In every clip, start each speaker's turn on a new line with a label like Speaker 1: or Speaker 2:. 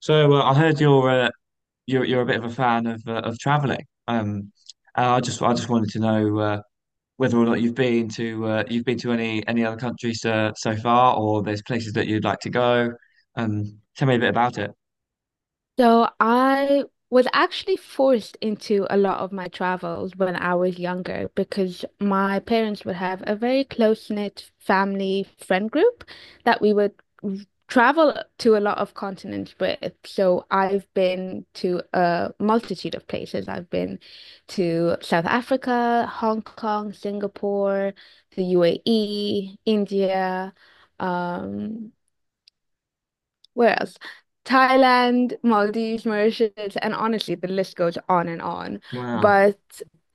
Speaker 1: I heard you're a bit of a fan of traveling. And I just wanted to know whether or not you've been to you've been to any other countries so far, or there's places that you'd like to go. Tell me a bit about it.
Speaker 2: So I was actually forced into a lot of my travels when I was younger because my parents would have a very close-knit family friend group that we would travel to a lot of continents with. So I've been to a multitude of places. I've been to South Africa, Hong Kong, Singapore, the UAE, India, um, where else? Thailand, Maldives, Mauritius, and honestly, the list goes on and on.
Speaker 1: Wow.
Speaker 2: But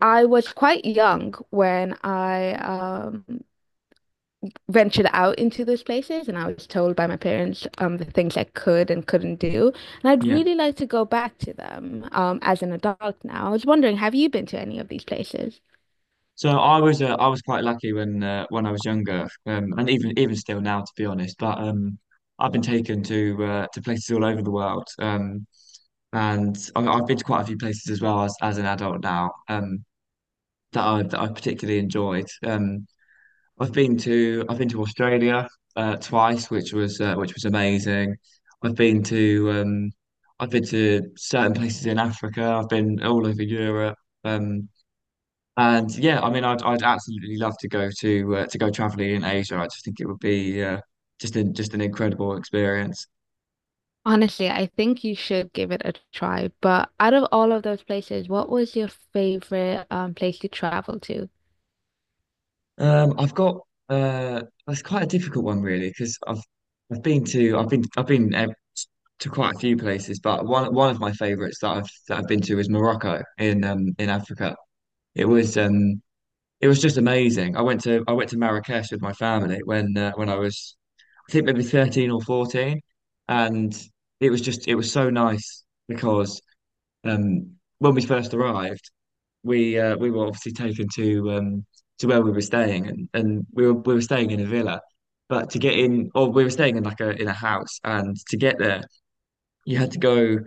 Speaker 2: I was quite young when I ventured out into those places, and I was told by my parents the things I could and couldn't do. And I'd
Speaker 1: Yeah.
Speaker 2: really like to go back to them as an adult now. I was wondering, have you been to any of these places?
Speaker 1: So I was quite lucky when I was younger, and even still now, to be honest. But I've been taken to places all over the world. And I've been to quite a few places as well as an adult now. That I particularly enjoyed. I've been to Australia twice, which was amazing. I've been to um, I've been to certain places in Africa. I've been all over Europe. Um, and yeah, I mean, I'd absolutely love to go traveling in Asia. I just think it would be just an incredible experience.
Speaker 2: Honestly, I think you should give it a try. But out of all of those places, what was your favorite place you traveled to?
Speaker 1: I've got uh, that's quite a difficult one really because I've been to quite a few places, but one of my favorites that I've been to is Morocco in Africa. It was um it was just amazing. I went to Marrakesh with my family when I was I think maybe 13 or 14, and it was so nice because um when we first arrived we were obviously taken to where we were staying, and we were staying in a villa, but to get in, or we were staying in like a house, and to get there, you had to go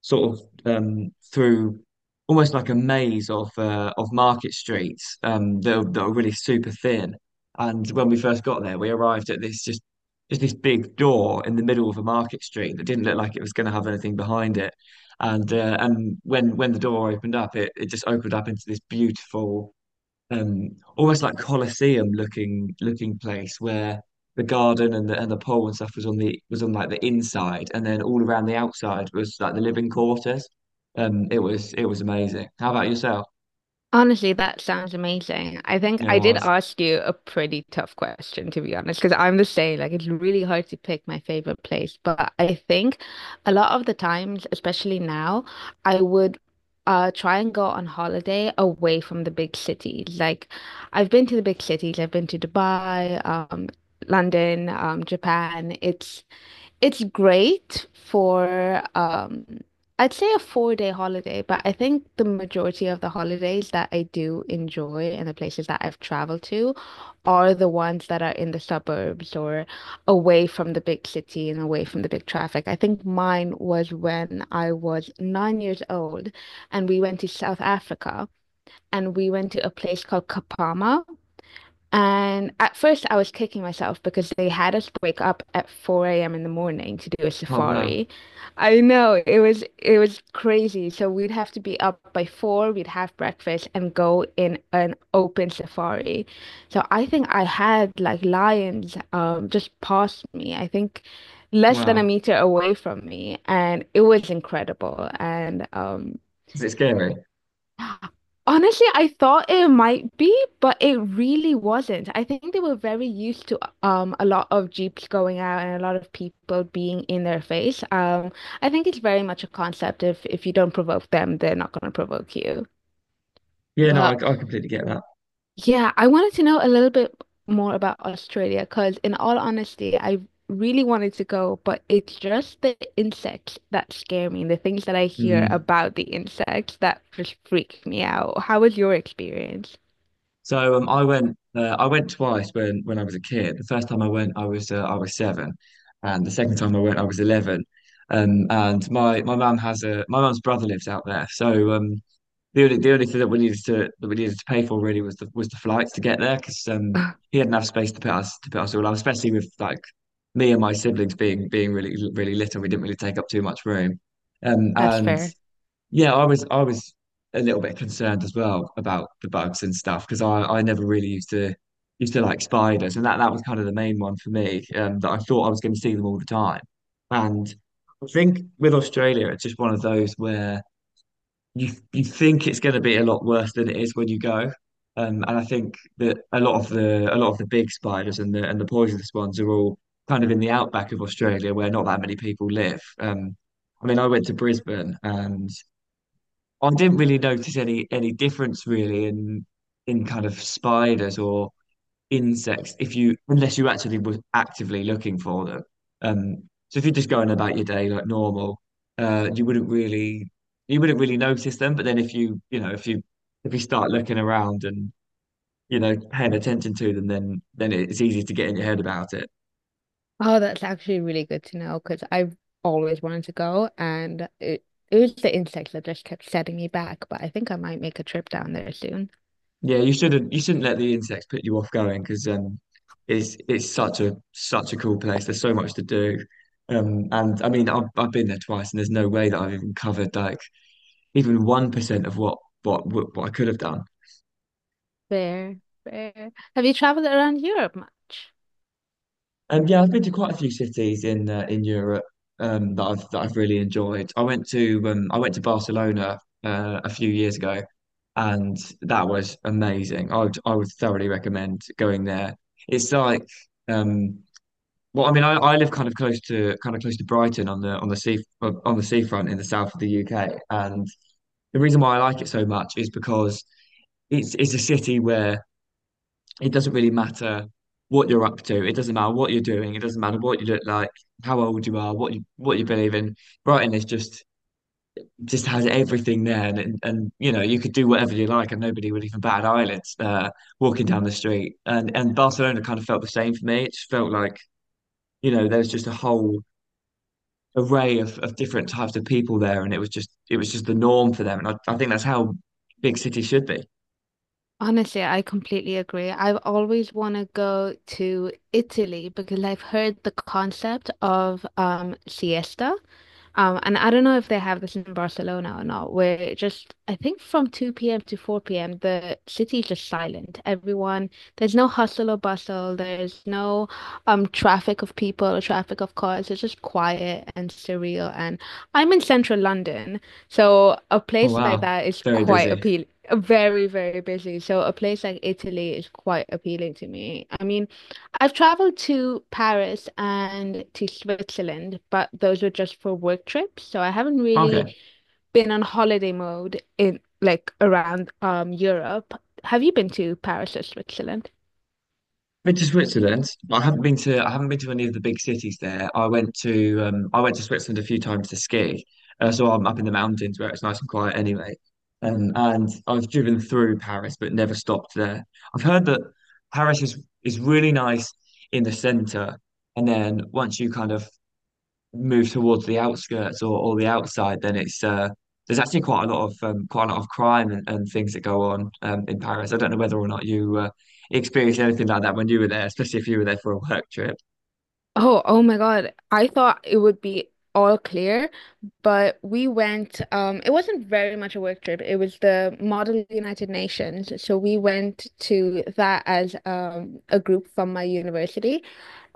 Speaker 1: sort of through almost like a maze of market streets that are really super thin. And when we first got there, we arrived at this just this big door in the middle of a market street that didn't look like it was going to have anything behind it. And when the door opened up, it just opened up into this beautiful um, almost like Colosseum looking place where the garden and the pole and stuff was on the was on like the inside, and then all around the outside was like the living quarters. It was amazing. How about yourself?
Speaker 2: Honestly, that sounds amazing. I think
Speaker 1: You know,
Speaker 2: I did
Speaker 1: was
Speaker 2: ask you a pretty tough question, to be honest, because I'm the same. Like, it's really hard to pick my favorite place. But I think a lot of the times, especially now, I would try and go on holiday away from the big cities. Like, I've been to the big cities, I've been to Dubai, London, Japan. It's great for I'd say a 4 day holiday, but I think the majority of the holidays that I do enjoy and the places that I've traveled to are the ones that are in the suburbs or away from the big city and away from the big traffic. I think mine was when I was 9 years old and we went to South Africa and we went to a place called Kapama, and at first, I was kicking myself because they had us wake up at 4 a.m. in the morning to do a
Speaker 1: oh wow
Speaker 2: safari. I know it was crazy. So we'd have to be up by 4, we'd have breakfast and go in an open safari. So I think I had like lions just past me. I think less than a
Speaker 1: wow.
Speaker 2: meter away from me, and it was incredible. And
Speaker 1: Is it scary?
Speaker 2: Honestly, I thought it might be, but it really wasn't. I think they were very used to a lot of Jeeps going out and a lot of people being in their face. I think it's very much a concept, if you don't provoke them, they're not going to provoke you.
Speaker 1: Yeah, no,
Speaker 2: But
Speaker 1: I completely get that.
Speaker 2: yeah, I wanted to know a little bit more about Australia because, in all honesty, I really wanted to go, but it's just the insects that scare me, the things that I hear
Speaker 1: Mm.
Speaker 2: about the insects that just freak me out. How was your experience?
Speaker 1: So I went twice when I was a kid. The first time I went, I was seven, and the second time I went, I was 11. And my mum's brother lives out there, so the only thing that we needed to pay for really was the flights to get there because he had enough space to put us all up, especially with like me and my siblings being really little, we didn't really take up too much room.
Speaker 2: That's
Speaker 1: And
Speaker 2: fair.
Speaker 1: yeah, I was a little bit concerned as well about the bugs and stuff because I never really used to like spiders and that, that was kind of the main one for me that I thought I was going to see them all the time. And I think with Australia, it's just one of those where you think it's going to be a lot worse than it is when you go. And I think that a lot of the big spiders and the poisonous ones are all kind of in the outback of Australia where not that many people live. I mean, I went to Brisbane and I didn't really notice any difference really in kind of spiders or insects if you unless you actually were actively looking for them. Um, so if you're just going about your day like normal, uh, you wouldn't really you wouldn't really notice them. But then if you you know if you start looking around and you know paying attention to them, then it's easy to get in your head about it.
Speaker 2: Oh, that's actually really good to know because I've always wanted to go, and it was the insects that just kept setting me back, but I think I might make a trip down there soon.
Speaker 1: Yeah, you shouldn't let the insects put you off going because it's such a such a cool place. There's so much to do. And I mean I've been there twice and there's no way that I've even covered like even 1% of what I could have done.
Speaker 2: Fair, fair. Have you traveled around Europe much?
Speaker 1: And yeah, I've been to quite a few cities in Europe that I've really enjoyed. I went to Barcelona a few years ago and that was amazing. I would thoroughly recommend going there. It's like um well, I mean, I live kind of close to Brighton on the sea on the seafront in the south of the UK, and the reason why I like it so much is because it's a city where it doesn't really matter what you're up to. It doesn't matter what you're doing. It doesn't matter what you look like, how old you are, what you believe in. Brighton is just has everything there, and you know you could do whatever you like, and nobody would even bat an eyelid walking down the street. And Barcelona kind of felt the same for me. It just felt like you know there's just a whole array of different types of people there, and it was just the norm for them. And I think that's how big cities should be.
Speaker 2: Honestly, I completely agree. I've always want to go to Italy because I've heard the concept of siesta. And I don't know if they have this in Barcelona or not, where just I think from 2 p.m. to 4 p.m. the city is just silent. There's no hustle or bustle, there's no traffic of people or traffic of cars. It's just quiet and surreal. And I'm in central London, so a
Speaker 1: Oh
Speaker 2: place like
Speaker 1: wow,
Speaker 2: that is
Speaker 1: very
Speaker 2: quite
Speaker 1: busy.
Speaker 2: appealing. Very, very busy. So a place like Italy is quite appealing to me. I mean, I've traveled to Paris and to Switzerland, but those were just for work trips. So I haven't
Speaker 1: Okay,
Speaker 2: really been on holiday mode in like around Europe. Have you been to Paris or Switzerland?
Speaker 1: been to Switzerland. I haven't been to any of the big cities there. I went to Switzerland a few times to ski. So I'm up in the mountains where it's nice and quiet anyway. And I've driven through Paris, but never stopped there. I've heard that Paris is really nice in the center, and then once you kind of move towards the outskirts or the outside, then it's there's actually quite a lot of quite a lot of crime and things that go on in Paris. I don't know whether or not you experienced anything like that when you were there, especially if you were there for a work trip.
Speaker 2: Oh my God. I thought it would be all clear, but we went, it wasn't very much a work trip. It was the Model United Nations. So we went to that as a group from my university.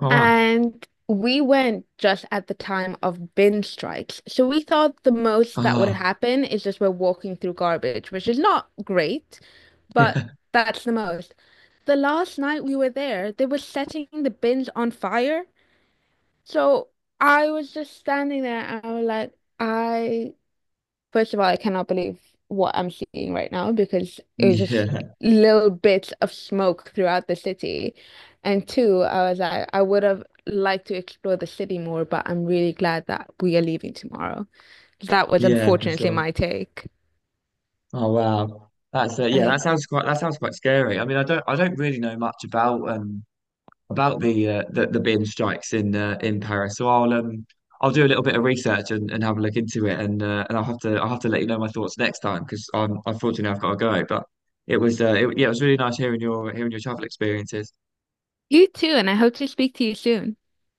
Speaker 1: Oh wow.
Speaker 2: And we went just at the time of bin strikes. So we thought the most that would
Speaker 1: Oh
Speaker 2: happen is just we're walking through garbage, which is not great, but
Speaker 1: yeah,
Speaker 2: that's the most. The last night we were there, they were setting the bins on fire. So I was just standing there and I was like, I, first of all, I cannot believe what I'm seeing right now because it was just
Speaker 1: yeah,
Speaker 2: little bits of smoke throughout the city. And two, I was like, I would have liked to explore the city more, but I'm really glad that we are leaving tomorrow. That was
Speaker 1: yeah, for
Speaker 2: unfortunately
Speaker 1: sure.
Speaker 2: my take.
Speaker 1: Oh wow. That's yeah,
Speaker 2: I,
Speaker 1: that sounds quite scary. I mean, I don't really know much about the the bin strikes in Paris. So I'll do a little bit of research and have a look into it, and I'll have to let you know my thoughts next time because I've got to go. But it was yeah, it was really nice hearing your travel experiences.
Speaker 2: you too, and I hope to speak to you soon.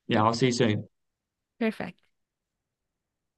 Speaker 1: Yeah, I'll see you soon.
Speaker 2: Perfect.